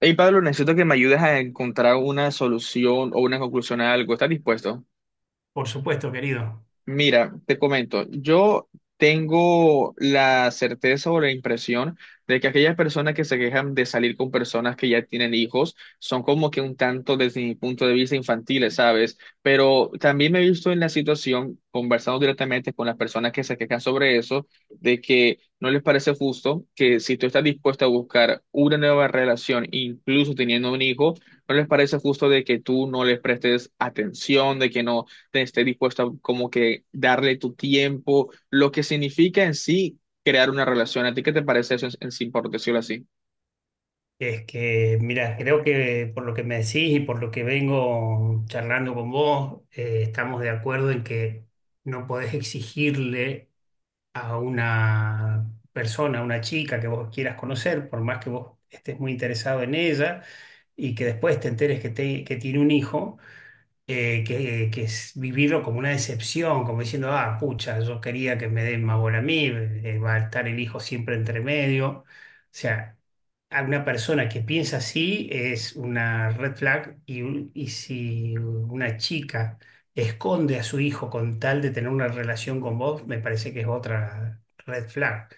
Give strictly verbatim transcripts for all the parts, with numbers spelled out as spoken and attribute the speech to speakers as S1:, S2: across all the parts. S1: Hey Pablo, necesito que me ayudes a encontrar una solución o una conclusión a algo. ¿Estás dispuesto?
S2: Por supuesto, querido.
S1: Mira, te comento, yo tengo la certeza o la impresión de que aquellas personas que se quejan de salir con personas que ya tienen hijos son como que un tanto desde mi punto de vista infantiles, ¿sabes? Pero también me he visto en la situación, conversando directamente con las personas que se quejan sobre eso, de que no les parece justo que si tú estás dispuesto a buscar una nueva relación, incluso teniendo un hijo, no les parece justo de que tú no les prestes atención, de que no estés dispuesto a como que darle tu tiempo, lo que significa en sí crear una relación. ¿A ti qué te parece eso en, en sí, por decirlo así?
S2: Es que, mira, creo que por lo que me decís y por lo que vengo charlando con vos, eh, estamos de acuerdo en que no podés exigirle a una persona, a una chica que vos quieras conocer, por más que vos estés muy interesado en ella y que después te enteres que, te- que tiene un hijo. eh, que, que es vivirlo como una decepción, como diciendo, ah, pucha, yo quería que me den más bola a mí, eh, va a estar el hijo siempre entre medio. O sea, a una persona que piensa así es una red flag y, un- y si una chica esconde a su hijo con tal de tener una relación con vos, me parece que es otra red flag.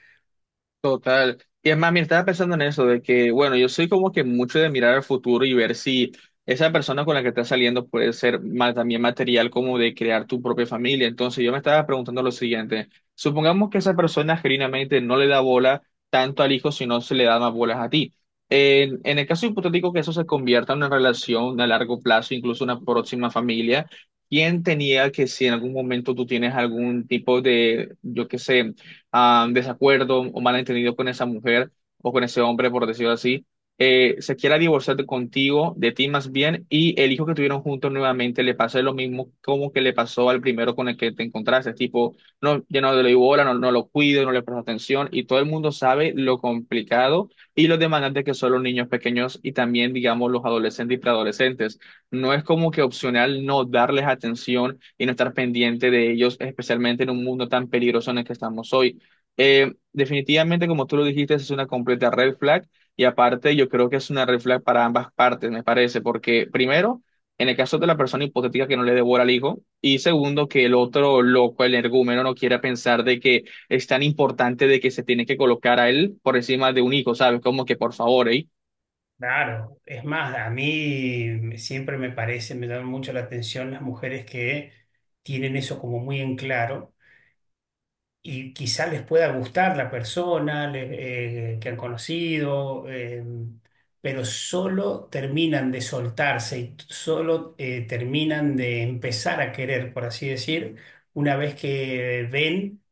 S1: Total. Y es más, mira, estaba pensando en eso, de que, bueno, yo soy como que mucho de mirar al futuro y ver si esa persona con la que estás saliendo puede ser ma- también material como de crear tu propia familia. Entonces yo me estaba preguntando lo siguiente, supongamos que esa persona genuinamente no le da bola tanto al hijo, sino se le da más bolas a ti. En, en el caso hipotético que eso se convierta en una relación a largo plazo, incluso una próxima familia, ¿quién tenía que si en algún momento tú tienes algún tipo de, yo qué sé, ah, desacuerdo o malentendido con esa mujer o con ese hombre, por decirlo así, eh, se quiera divorciar de contigo, de ti más bien, y el hijo que tuvieron juntos nuevamente le pase lo mismo como que le pasó al primero con el que te encontraste, tipo, no, ya no le doy bola, no, no lo cuido, no le presto atención, y todo el mundo sabe lo complicado y lo demandante que son los niños pequeños y también, digamos, los adolescentes y preadolescentes. No es como que opcional no darles atención y no estar pendiente de ellos, especialmente en un mundo tan peligroso en el que estamos hoy. Eh, definitivamente, como tú lo dijiste, es una completa red flag y aparte yo creo que es una red flag para ambas partes, me parece, porque primero, en el caso de la persona hipotética que no le devora al hijo y segundo, que el otro loco, el energúmeno, no quiera pensar de que es tan importante de que se tiene que colocar a él por encima de un hijo, ¿sabes? Como que por favor, ¿eh?
S2: Claro, es más, a mí me- siempre me parece, me llaman mucho la atención las mujeres que tienen eso como muy en claro y quizá les pueda gustar la persona le- eh, que han conocido, eh, pero solo terminan de soltarse y t- solo eh, terminan de empezar a querer, por así decir, una vez que ven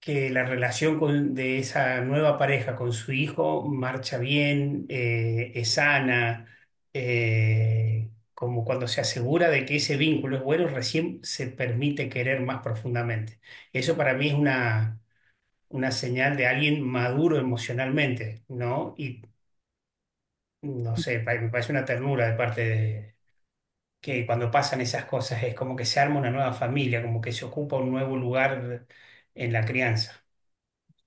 S2: que la relación con- de esa nueva pareja con su hijo marcha bien, eh, es sana. Eh, como cuando se asegura de que ese vínculo es bueno, recién se permite querer más profundamente. Eso para mí es una, una señal de alguien maduro emocionalmente, ¿no? Y no sé, pa- me parece una ternura de parte de que cuando pasan esas cosas es como que se arma una nueva familia, como que se ocupa un nuevo lugar en la crianza.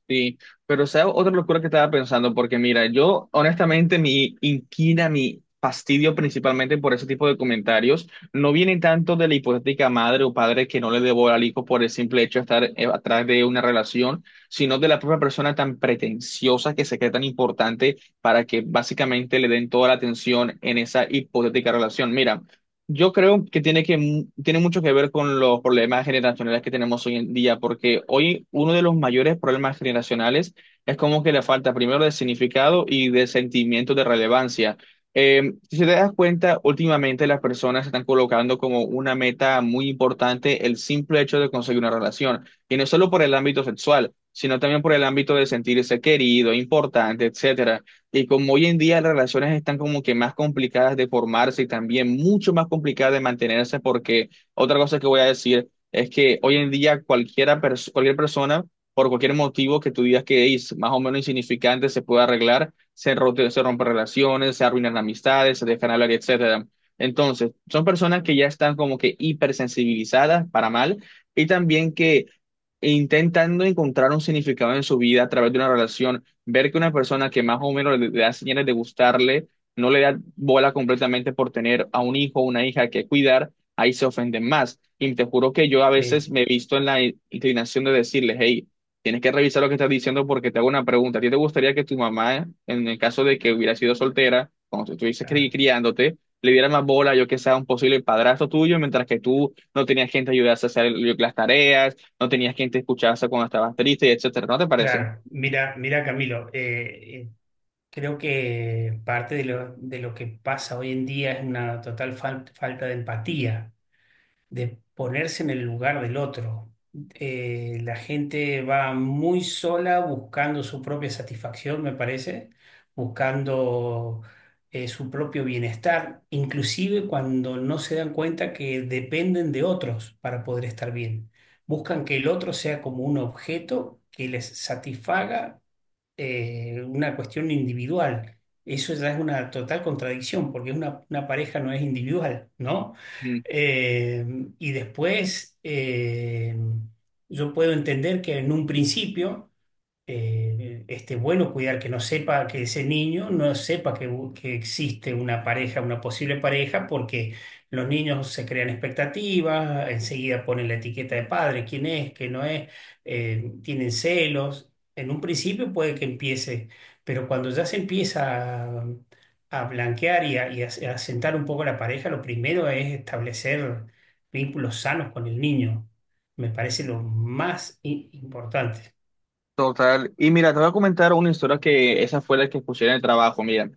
S1: Sí, pero sea otra locura que estaba pensando, porque mira, yo honestamente mi inquina, mi fastidio principalmente por ese tipo de comentarios, no viene tanto de la hipotética madre o padre que no le debo al hijo por el simple hecho de estar eh, atrás de una relación, sino de la propia persona tan pretenciosa que se cree tan importante para que básicamente le den toda la atención en esa hipotética relación. Mira, yo creo que tiene que tiene mucho que ver con los problemas generacionales que tenemos hoy en día, porque hoy uno de los mayores problemas generacionales es como que la falta primero de significado y de sentimiento de relevancia. Eh, si te das cuenta, últimamente las personas están colocando como una meta muy importante el simple hecho de conseguir una relación, y no solo por el ámbito sexual, sino también por el ámbito de sentirse querido, importante, etcétera. Y como hoy en día las relaciones están como que más complicadas de formarse y también mucho más complicadas de mantenerse, porque otra cosa que voy a decir es que hoy en día cualquiera pers- cualquier persona, por cualquier motivo que tú digas que es más o menos insignificante, se puede arreglar, se, rote- se rompen relaciones, se arruinan amistades, se dejan hablar, etcétera. Entonces, son personas que ya están como que hipersensibilizadas para mal y también que intentando encontrar un significado en su vida a través de una relación ver que una persona que más o menos le, le da señales de gustarle, no le da bola completamente por tener a un hijo o una hija que cuidar, ahí se ofenden más. Y te juro que yo a
S2: Sí,
S1: veces me he visto en la i- inclinación de decirles, hey, tienes que revisar lo que estás diciendo porque te hago una pregunta. ¿A ti te gustaría que tu mamá, en el caso de que hubiera sido soltera, cuando tú estuvieses
S2: ah,
S1: cri- criándote, le diera más bola, yo que sea un posible padrastro tuyo, mientras que tú no tenías gente que ayudase a hacer el- las tareas, no tenías gente que escucharse cuando estabas triste, etcétera? ¿No te parece?
S2: claro. Mira, mira, Camilo, eh, eh, creo que parte de lo, de lo que pasa hoy en día es una total fal- falta de empatía, de ponerse en el lugar del otro. Eh, la gente va muy sola buscando su propia satisfacción, me parece, buscando eh, su propio bienestar, inclusive cuando no se dan cuenta que dependen de otros para poder estar bien. Buscan que el otro sea como un objeto que les satisfaga, eh, una cuestión individual. Eso ya es una total contradicción, porque una, una pareja no es individual, ¿no? Eh, y después, eh, yo puedo entender que en un principio eh, esté bueno cuidar que no sepa, que ese niño no sepa que, u- que existe una pareja, una posible pareja, porque los niños se crean expectativas, enseguida ponen la etiqueta de padre, quién es, qué no es, eh, tienen celos. En un principio puede que empiece, pero cuando ya se empieza a, a blanquear y a, y a- a sentar un poco la pareja, lo primero es establecer vínculos sanos con el niño. Me parece lo más i- importante.
S1: Total. Y mira, te voy a comentar una historia que esa fue la que escuché en el trabajo. Mira,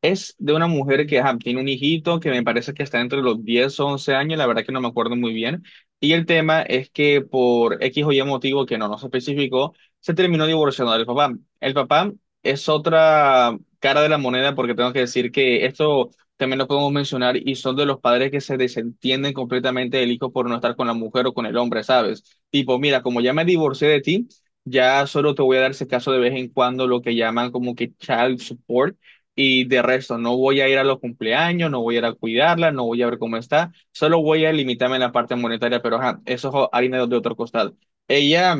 S1: es de una mujer que ajá, tiene un hijito que me parece que está entre los diez o once años, la verdad que no me acuerdo muy bien. Y el tema es que por X o Y motivo que no nos especificó, se terminó divorciando del papá. El papá es otra cara de la moneda porque tengo que decir que esto también lo podemos mencionar y son de los padres que se desentienden completamente del hijo por no estar con la mujer o con el hombre, ¿sabes? Tipo, mira, como ya me divorcié de ti. Ya solo te voy a dar ese caso de vez en cuando lo que llaman como que child support y de resto no voy a ir a los cumpleaños, no voy a ir a cuidarla, no voy a ver cómo está, solo voy a limitarme en la parte monetaria, pero ajá, eso es harina de otro costal. Ella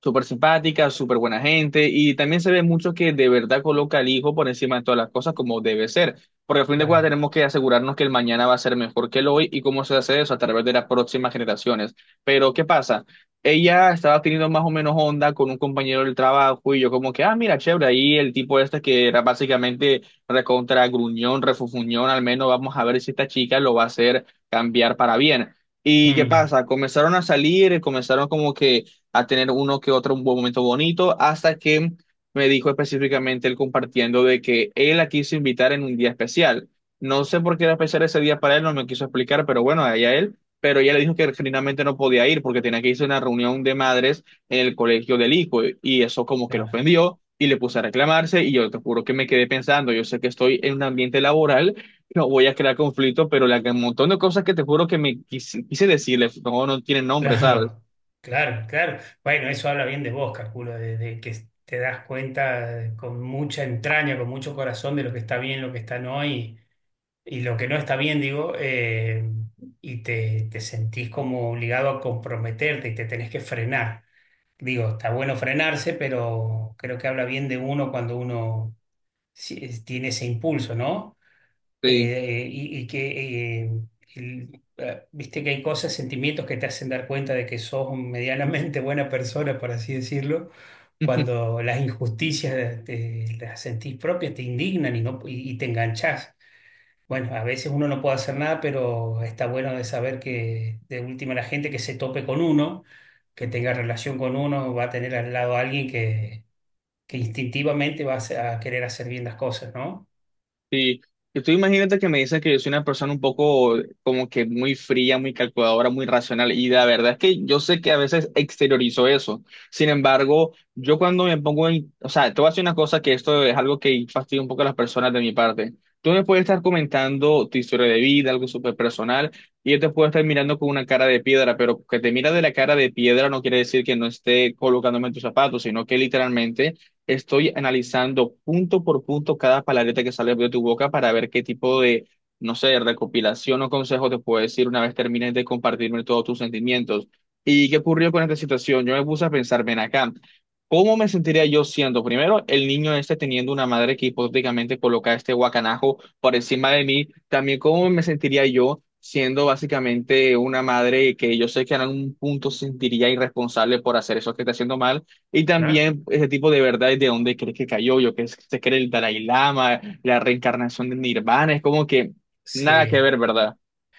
S1: súper simpática, súper buena gente y también se ve mucho que de verdad coloca al hijo por encima de todas las cosas como debe ser, porque al fin de cuentas
S2: Claro.
S1: tenemos que asegurarnos que el mañana va a ser mejor que el hoy y cómo se hace eso a través de las próximas generaciones. Pero ¿qué pasa? Ella estaba teniendo más o menos onda con un compañero del trabajo y yo como que, ah, mira, chévere, ahí el tipo este que era básicamente recontra gruñón, refufuñón, al menos vamos a ver si esta chica lo va a hacer cambiar para bien. ¿Y qué
S2: Mm,
S1: pasa? Comenzaron a salir, comenzaron como que a tener uno que otro un buen momento bonito, hasta que me dijo específicamente él compartiendo de que él la quiso invitar en un día especial. No sé por qué era especial ese día para él, no me quiso explicar, pero bueno, allá él. Pero ella le dijo que genuinamente no podía ir porque tenía que irse a una reunión de madres en el colegio del hijo y eso como que lo
S2: claro,
S1: ofendió y le puse a reclamarse y yo te juro que me quedé pensando, yo sé que estoy en un ambiente laboral, no voy a crear conflicto, pero la, un montón de cosas que te juro que me quise, quise decirle, no, no tienen nombre, ¿sabes?
S2: claro, claro, claro. Bueno, eso habla bien de vos, calculo, de, de que te das cuenta con mucha entraña, con mucho corazón de lo que está bien, lo que está no y, y lo que no está bien, digo, eh, y te, te sentís como obligado a comprometerte y te tenés que frenar. Digo, está bueno frenarse, pero creo que habla bien de uno cuando uno sí, tiene ese impulso, ¿no?
S1: Sí.
S2: eh, y, y que, eh, el- eh, Viste que hay cosas, sentimientos que te hacen dar cuenta de que sos medianamente buena persona, por así decirlo, cuando las injusticias te- las sentís propias, te indignan y, no, y, y te enganchás. Bueno, a veces uno no puede hacer nada, pero está bueno de saber que de última la gente que se tope con uno, que tenga relación con uno, va a tener al lado a alguien que, que instintivamente va a, hacer- a querer hacer bien las cosas, ¿no?
S1: Sí, y tú imagínate que me dices que yo soy una persona un poco como que muy fría, muy calculadora, muy racional, y la verdad es que yo sé que a veces exteriorizo eso. Sin embargo, yo cuando me pongo en, o sea, te voy a decir una cosa que esto es algo que fastidia un poco a las personas de mi parte. Tú me puedes estar comentando tu historia de vida, algo súper personal, y yo te puedo estar mirando con una cara de piedra, pero que te mira de la cara de piedra no quiere decir que no esté colocándome en tus zapatos, sino que literalmente estoy analizando punto por punto cada palabrita que sale de tu boca para ver qué tipo de, no sé, recopilación o consejo te puedo decir una vez termines de compartirme todos tus sentimientos. ¿Y qué ocurrió con esta situación? Yo me puse a pensar, ven acá, ¿cómo me sentiría yo siendo, primero, el niño este teniendo una madre que hipotéticamente coloca este guacanajo por encima de mí? También, ¿cómo me sentiría yo siendo básicamente una madre que yo sé que en algún punto sentiría irresponsable por hacer eso que está haciendo mal? Y
S2: Claro.
S1: también ese tipo de verdades de dónde crees que cayó, yo que es- se cree el Dalai Lama, la reencarnación de Nirvana, es como que nada que
S2: Sí.
S1: ver, ¿verdad?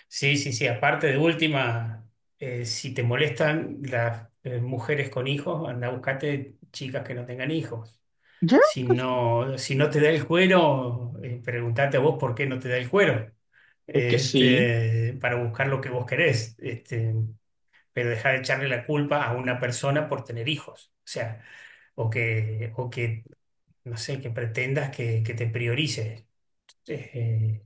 S2: Sí, sí, sí. Aparte de última, eh, si te molestan las eh, mujeres con hijos, anda a buscarte chicas que no tengan hijos.
S1: Ya,
S2: Si
S1: pues,
S2: no, si no te da el cuero, eh, preguntate a vos por qué no te da el cuero.
S1: es que sí.
S2: Este, para buscar lo que vos querés. Este, pero dejar de echarle la culpa a una persona por tener hijos. O sea, o que, o que, no sé, que pretendas que, que te priorice. eh,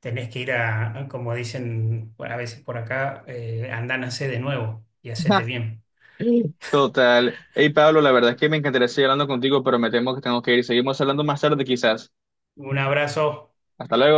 S2: Tenés que ir a, a, como dicen a veces por acá, eh, andánase de nuevo y hacete bien.
S1: Total. Hey, Pablo, la verdad es que me encantaría seguir hablando contigo, pero me temo que tengo que ir. Seguimos hablando más tarde, quizás.
S2: Un abrazo.
S1: Hasta luego.